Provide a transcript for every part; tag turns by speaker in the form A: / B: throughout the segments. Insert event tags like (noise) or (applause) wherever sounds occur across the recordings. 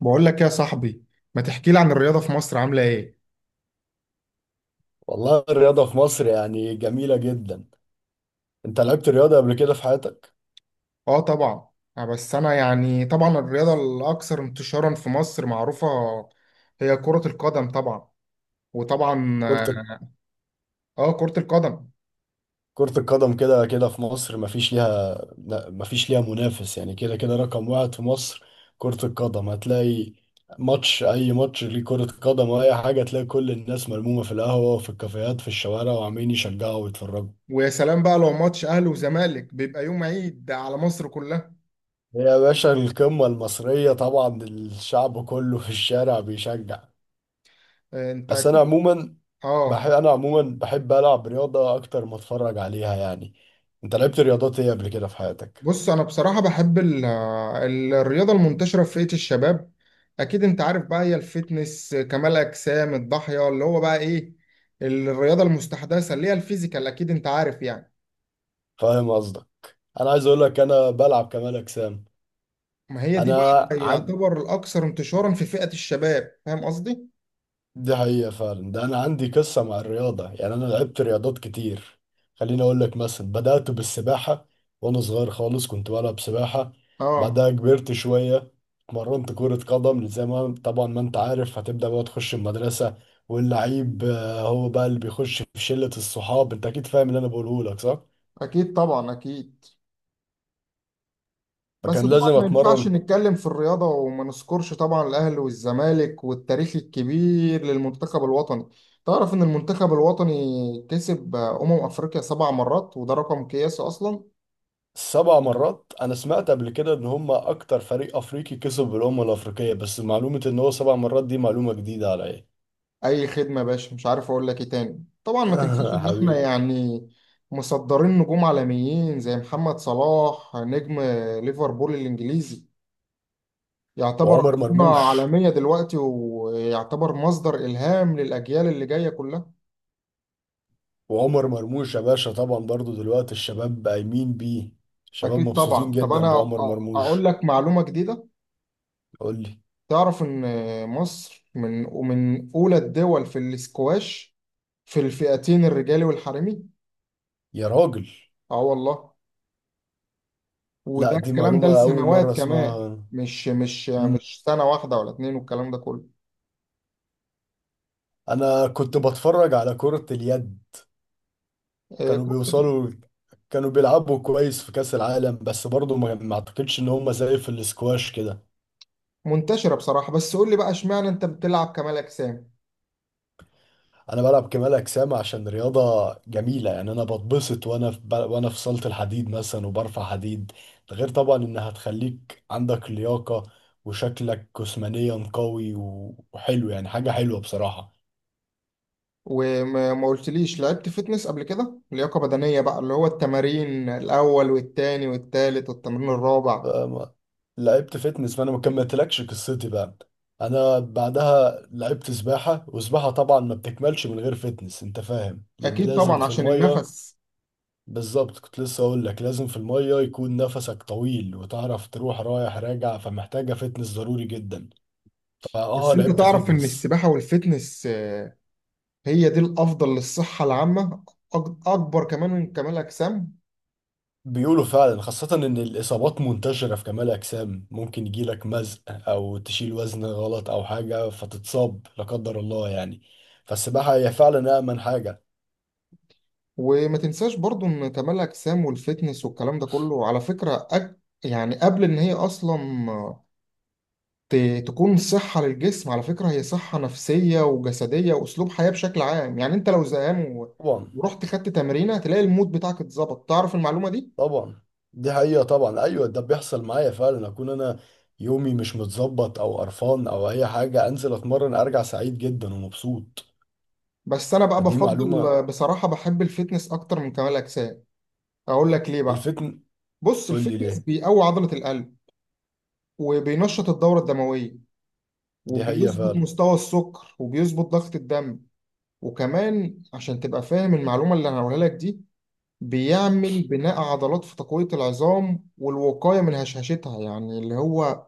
A: بقول لك يا صاحبي، ما تحكي لي عن الرياضة في مصر عاملة ايه؟
B: والله الرياضة في مصر يعني جميلة جدا. انت لعبت رياضة قبل كده في حياتك؟
A: اه طبعا. بس انا يعني طبعا الرياضة الاكثر انتشارا في مصر معروفة هي كرة القدم طبعا وطبعا
B: كرة
A: آه، كرة القدم.
B: كرة القدم كده كده في مصر مفيش ليها لا، مفيش ليها منافس، يعني كده كده رقم واحد في مصر. كرة القدم هتلاقي ماتش، أي ماتش ليه كرة قدم أو أي حاجة، تلاقي كل الناس ملمومة في القهوة وفي الكافيهات في الشوارع وعمالين يشجعوا ويتفرجوا.
A: ويا سلام بقى لو ماتش اهلي وزمالك، بيبقى يوم عيد على مصر كلها.
B: هي يا باشا القمة المصرية، طبعا الشعب كله في الشارع بيشجع.
A: آه، انت
B: بس انا
A: اكيد.
B: عموما
A: اه،
B: بحب انا عموما بحب العب رياضه اكتر ما اتفرج عليها يعني. انت لعبت رياضات ايه قبل كده في حياتك؟
A: بص انا بصراحه بحب الرياضه المنتشره في فئه الشباب. اكيد انت عارف بقى، هي الفتنس كمال اجسام الضاحيه اللي هو بقى ايه، الرياضه المستحدثه اللي هي الفيزيكال، اكيد انت عارف يعني.
B: فاهم قصدك. انا عايز اقول لك انا بلعب كمال اجسام.
A: ما هي دي
B: انا
A: بقى
B: عن...
A: يعتبر الاكثر انتشارا في فئه الشباب، فاهم قصدي؟
B: دي حقيقة فعلا، ده أنا عندي قصة مع الرياضة، يعني أنا لعبت رياضات كتير. خليني أقول لك مثلا، بدأت بالسباحة وأنا صغير خالص، كنت بلعب سباحة.
A: اه،
B: بعدها كبرت شوية، اتمرنت كرة قدم، زي ما طبعا ما أنت عارف هتبدأ بقى تخش المدرسة، واللعيب آه، هو بقى اللي بيخش في شلة الصحاب. أنت أكيد فاهم اللي أنا بقوله لك صح؟
A: اكيد طبعا اكيد. بس
B: فكان
A: طبعا
B: لازم
A: ما ينفعش
B: أتمرن.
A: نتكلم في الرياضة وما نذكرش طبعا الأهلي والزمالك والتاريخ الكبير للمنتخب الوطني. تعرف إن المنتخب الوطني كسب أمم أفريقيا سبع مرات، وده رقم قياسي أصلا.
B: 7 مرات؟ أنا سمعت قبل كده إن هما أكتر فريق أفريقي كسب بالأمم الأفريقية، بس معلومة إن هو 7 مرات دي معلومة جديدة عليا.
A: أي خدمة يا باشا، مش عارف أقول لك إيه تاني. طبعا ما تنسيش
B: (laughs)
A: إن إحنا
B: حبيبي.
A: يعني مصدرين نجوم عالميين زي محمد صلاح، نجم ليفربول الإنجليزي، يعتبر
B: وعمر
A: أيقونة
B: مرموش.
A: عالمية دلوقتي، ويعتبر مصدر إلهام للأجيال اللي جاية كلها.
B: وعمر مرموش يا باشا، طبعا برضو دلوقتي الشباب قايمين بيه، الشباب
A: أكيد
B: مبسوطين
A: طبعا. طب
B: جدا
A: أنا
B: بعمر
A: أقول
B: مرموش.
A: لك معلومة جديدة.
B: قول لي.
A: تعرف إن مصر ومن أولى الدول في الاسكواش، في الفئتين الرجالي والحريمي.
B: يا راجل.
A: آه والله.
B: لا
A: وده
B: دي
A: الكلام ده
B: معلومة أول
A: لسنوات
B: مرة
A: كمان،
B: أسمعها.
A: مش مش
B: مم.
A: مش سنة واحدة ولا اتنين، والكلام ده كله.
B: أنا كنت بتفرج على كرة اليد.
A: آه،
B: كانوا
A: كنت
B: بيوصلوا، كانوا بيلعبوا كويس في كأس العالم، بس برضو ما أعتقدش إن هم زي في الاسكواش كده.
A: منتشرة بصراحة. بس قول لي بقى، اشمعنى أنت بتلعب كمال أجسام؟
B: انا بلعب كمال اجسام عشان رياضه جميله يعني، انا بتبسط وانا في صاله الحديد مثلا وبرفع حديد. ده غير طبعا انها هتخليك عندك لياقه، وشكلك جسمانيا قوي و... وحلو، يعني حاجه حلوه بصراحه.
A: وما ما قلتليش لعبت فيتنس قبل كده، لياقة بدنية بقى اللي هو التمارين الأول والتاني والتالت والتمرين الرابع؟
B: فما- لعبت فتنس، فانا ما كملتلكش قصتي بقى. انا بعدها لعبت سباحه، وسباحه طبعا ما بتكملش من غير فتنس، انت فاهم، لان
A: اكيد
B: لازم
A: طبعا
B: في
A: عشان
B: الميه.
A: النفس.
B: بالظبط، كنت لسه اقول لك لازم في المية يكون نفسك طويل وتعرف تروح رايح راجع، فمحتاجة فتنس ضروري جدا.
A: بس انت
B: لعبت
A: تعرف ان
B: فتنس.
A: السباحه والفتنس هي دي الافضل للصحه العامه، اكبر كمان من كمال اجسام.
B: بيقولوا فعلا، خاصة ان الاصابات منتشرة في كمال اجسام، ممكن يجيلك مزق او تشيل وزن غلط او حاجة فتتصاب لا قدر الله يعني. فالسباحة هي فعلا امن حاجة.
A: وما تنساش برضو ان كمال اجسام والفتنس والكلام ده كله على فكره، يعني قبل ان هي اصلا آه، ت... تكون صحه للجسم، على فكره هي صحه نفسيه وجسديه واسلوب حياه بشكل عام. يعني انت لو زهقان
B: طبعا
A: ورحت خدت تمرينه هتلاقي المود بتاعك اتظبط، تعرف المعلومه دي؟
B: طبعا دي حقيقة، طبعا ايوه، ده بيحصل معايا فعلا، اكون انا يومي مش متظبط او قرفان او اي حاجة، انزل اتمرن ارجع سعيد جدا ومبسوط.
A: بس انا بقى
B: فدي
A: بفضل
B: معلومة.
A: بصراحه بحب الفتنس اكتر من كمال اجسام. اقول لك ليه بقى.
B: الفتن.
A: بص،
B: قول لي
A: الفتنس
B: ليه.
A: بيقوي عضلة القلب، وبينشط الدورة الدموية،
B: دي حقيقة
A: وبيظبط
B: فعلا.
A: مستوى السكر، وبيظبط ضغط الدم. وكمان عشان تبقى فاهم المعلومة اللي انا هقولها لك دي، بيعمل بناء عضلات في تقوية العظام والوقاية من هشاشتها. يعني اللي هو،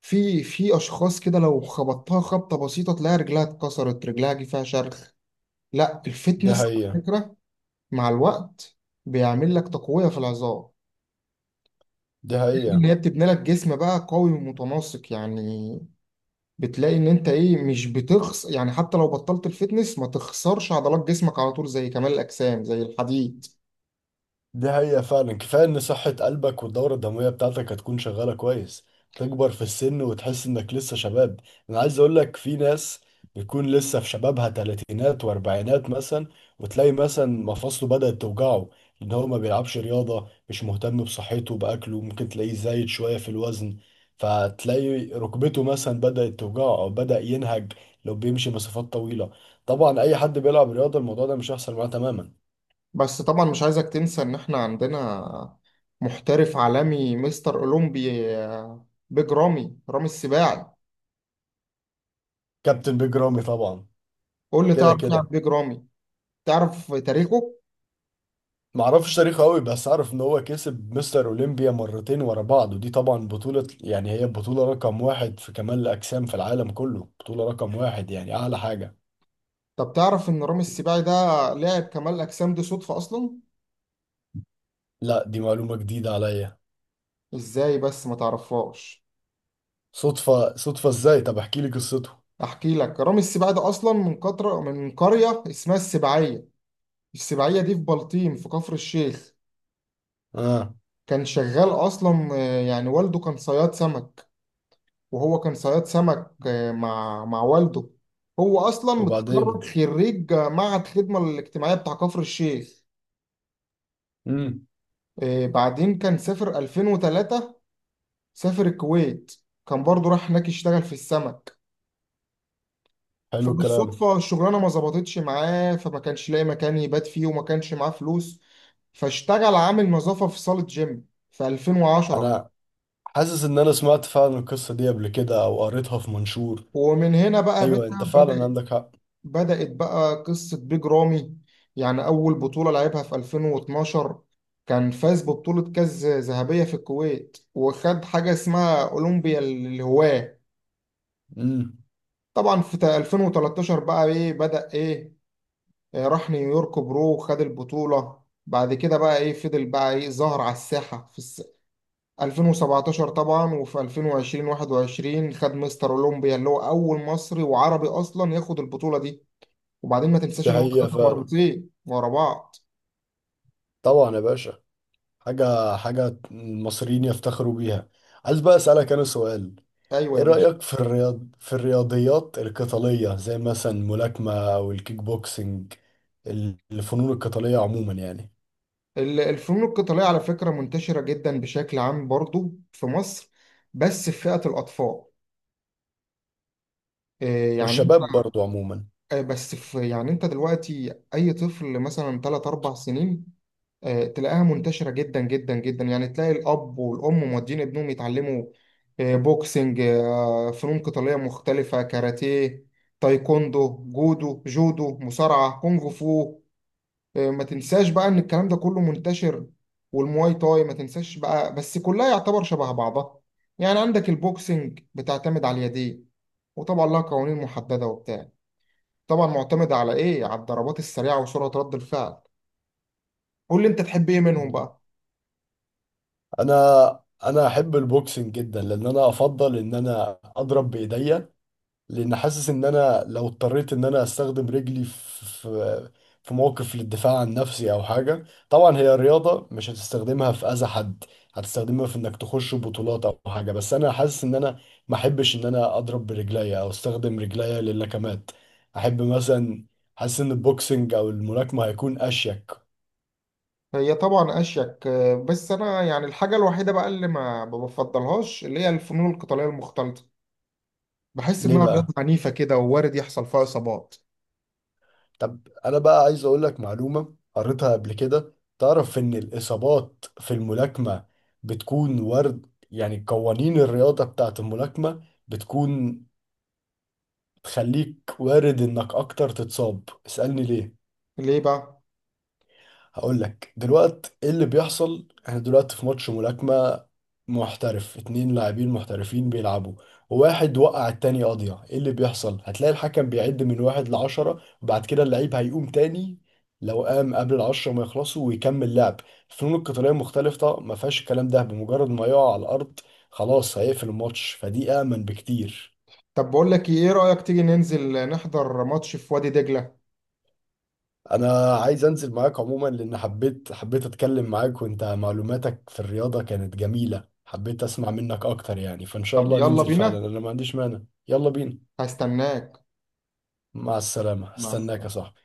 A: في اشخاص كده لو خبطتها خبطة بسيطة تلاقي رجلها اتكسرت، رجلها جه فيها شرخ. لا،
B: دي
A: الفتنس
B: حقيقة.
A: على فكرة مع الوقت بيعمل لك تقوية في العظام،
B: دي حقيقة.
A: اللي هي بتبني لك جسم بقى قوي ومتناسق يعني. بتلاقي ان انت ايه، مش بتخس يعني، حتى لو بطلت الفتنس ما تخسرش عضلات جسمك على طول زي كمال الاجسام، زي الحديد.
B: دي حقيقة فعلا، كفاية ان صحة قلبك والدورة الدموية بتاعتك هتكون شغالة كويس، تكبر في السن وتحس انك لسه شباب. انا عايز اقولك، في ناس بتكون لسه في شبابها، تلاتينات واربعينات مثلا، وتلاقي مثلا مفاصله بدأت توجعه، ان هو ما بيلعبش رياضة، مش مهتم بصحته بأكله، ممكن تلاقيه زايد شوية في الوزن، فتلاقي ركبته مثلا بدأت توجعه او بدأ ينهج لو بيمشي مسافات طويلة. طبعا اي حد بيلعب رياضة الموضوع ده مش هيحصل معاه تماما.
A: بس طبعا مش عايزك تنسى ان احنا عندنا محترف عالمي، مستر اولمبي، بيج رامي، رامي السباعي.
B: كابتن بيج رامي طبعا.
A: قول لي،
B: كده
A: تعرف إيه عن
B: كده.
A: بيج رامي؟ تعرف تاريخه؟
B: معرفش تاريخه قوي، بس اعرف ان هو كسب مستر اولمبيا مرتين ورا بعض، ودي طبعا بطولة، يعني هي بطولة رقم واحد في كمال الاجسام في العالم كله، بطولة رقم واحد يعني اعلى حاجة.
A: طب تعرف ان رامي السباعي ده لاعب كمال الاجسام دي صدفة اصلا؟
B: لا دي معلومة جديدة عليا.
A: ازاي بس ما تعرفهاش؟
B: صدفة؟ صدفة ازاي؟ طب احكي لي قصته.
A: احكي لك. رامي السباعي ده اصلا من قطره، من قريه اسمها السباعيه. السباعيه دي في بلطيم في كفر الشيخ.
B: اه.
A: كان شغال اصلا، يعني والده كان صياد سمك. وهو كان صياد سمك مع والده. هو اصلا متخرج
B: وبعدين.
A: خريج معهد الخدمه الاجتماعيه بتاع كفر الشيخ.
B: امم
A: بعدين كان سافر 2003، سافر الكويت، كان برضه راح هناك يشتغل في السمك.
B: حلو الكلام.
A: فبالصدفة الشغلانة ما ظبطتش معاه، فما كانش لاقي مكان يبات فيه، وما كانش معاه فلوس. فاشتغل عامل نظافة في صالة جيم في 2010.
B: انا حاسس ان انا سمعت فعلا القصة دي قبل كده او قريتها في منشور.
A: ومن هنا بقى يا باشا
B: ايوه انت فعلا
A: بدأت
B: عندك حق.
A: بدأت بقى قصة بيج رامي. يعني أول بطولة لعبها في 2012، كان فاز ببطولة كاس ذهبية في الكويت، وخد حاجة اسمها أولمبيا للهواة.
B: امم
A: طبعا في 2013 بقى إيه، بدأ إيه، راح نيويورك برو وخد البطولة. بعد كده بقى إيه، فضل بقى إيه، ظهر على الساحة في 2017. طبعا وفي 2020-21 خد مستر اولمبيا، اللي هو اول مصري وعربي اصلا ياخد البطوله دي. وبعدين ما تنساش
B: دي
A: ان هو
B: حقيقة
A: خدها
B: فعلا.
A: مرتين ورا بعض.
B: طبعا يا باشا، حاجة المصريين يفتخروا بيها. عايز بقى أسألك أنا سؤال.
A: ايوه
B: إيه
A: يا باشا.
B: رأيك في الرياضيات القتالية، زي مثلا الملاكمة أو الكيك بوكسينج؟ ال- الفنون القتالية عموما يعني.
A: الفنون القتاليه على فكره منتشره جدا بشكل عام برضو في مصر، بس في فئه الاطفال. آه، يعني
B: والشباب برضو عموما.
A: بس في يعني، انت دلوقتي اي طفل مثلا 3 4 سنين تلاقيها منتشرة جدا جدا جدا، يعني تلاقي الأب والأم مودين ابنهم يتعلموا بوكسنج، فنون قتالية مختلفة، كاراتيه، تايكوندو، جودو، مصارعة، كونغ فو. ما تنساش بقى إن الكلام ده كله منتشر، والمواي تاي ما تنساش بقى. بس كلها يعتبر شبه بعضها. يعني عندك البوكسنج بتعتمد على اليدين، وطبعا لها قوانين محددة وبتاع، طبعا معتمدة على إيه، على الضربات السريعة وسرعة رد الفعل. قول لي، أنت تحب إيه منهم بقى؟
B: أنا أنا أحب البوكسينج جدا، لأن أنا أفضل إن أنا أضرب بإيديا، لان حاسس ان انا لو اضطريت ان انا استخدم رجلي في موقف للدفاع عن نفسي او حاجه، طبعا هي رياضه مش هتستخدمها في اذى حد، هتستخدمها في انك تخش بطولات او حاجه، بس انا حاسس ان انا ما احبش ان انا اضرب برجليا او استخدم رجليا للكمات. احب مثلا، حاسس ان البوكسنج او الملاكمه هيكون اشيك.
A: هي طبعا اشيك، بس انا يعني الحاجه الوحيده بقى اللي ما بفضلهاش اللي هي الفنون القتاليه المختلطه. بحس
B: ليه
A: انها
B: بقى؟
A: رياضه عنيفه كده، ووارد يحصل فيها اصابات.
B: طب انا بقى عايز اقول لك معلومة قريتها قبل كده. تعرف ان الاصابات في الملاكمة بتكون وارد، يعني قوانين الرياضة بتاعت الملاكمة بتكون تخليك وارد انك اكتر تتصاب. اسألني ليه.
A: ليه بقى؟
B: هقول لك دلوقتي ايه اللي بيحصل. احنا دلوقتي في ماتش ملاكمة محترف، اتنين لاعبين محترفين بيلعبوا، وواحد وقع التاني قاضية، ايه اللي بيحصل؟ هتلاقي الحكم بيعد من واحد لعشرة وبعد كده اللعيب هيقوم تاني. لو قام قبل العشرة ما يخلصوا ويكمل لعب. الفنون القتالية مختلفة، ما فيهاش الكلام ده، بمجرد ما يقع على الأرض خلاص هيقفل الماتش، فدي أأمن بكتير.
A: طب بقول لك ايه، إيه رايك تيجي ننزل نحضر ماتش في وادي دجله؟
B: انا عايز انزل معاك عموما، لان حبيت اتكلم معاك، وانت معلوماتك في الرياضة كانت جميلة، حبيت اسمع منك اكتر يعني، فان شاء
A: طب
B: الله
A: يلا
B: ننزل فعلا،
A: بينا.
B: انا ما عنديش مانع. يلا بينا.
A: هستناك.
B: مع السلامة،
A: مع
B: استناك يا
A: السلامه.
B: صاحبي.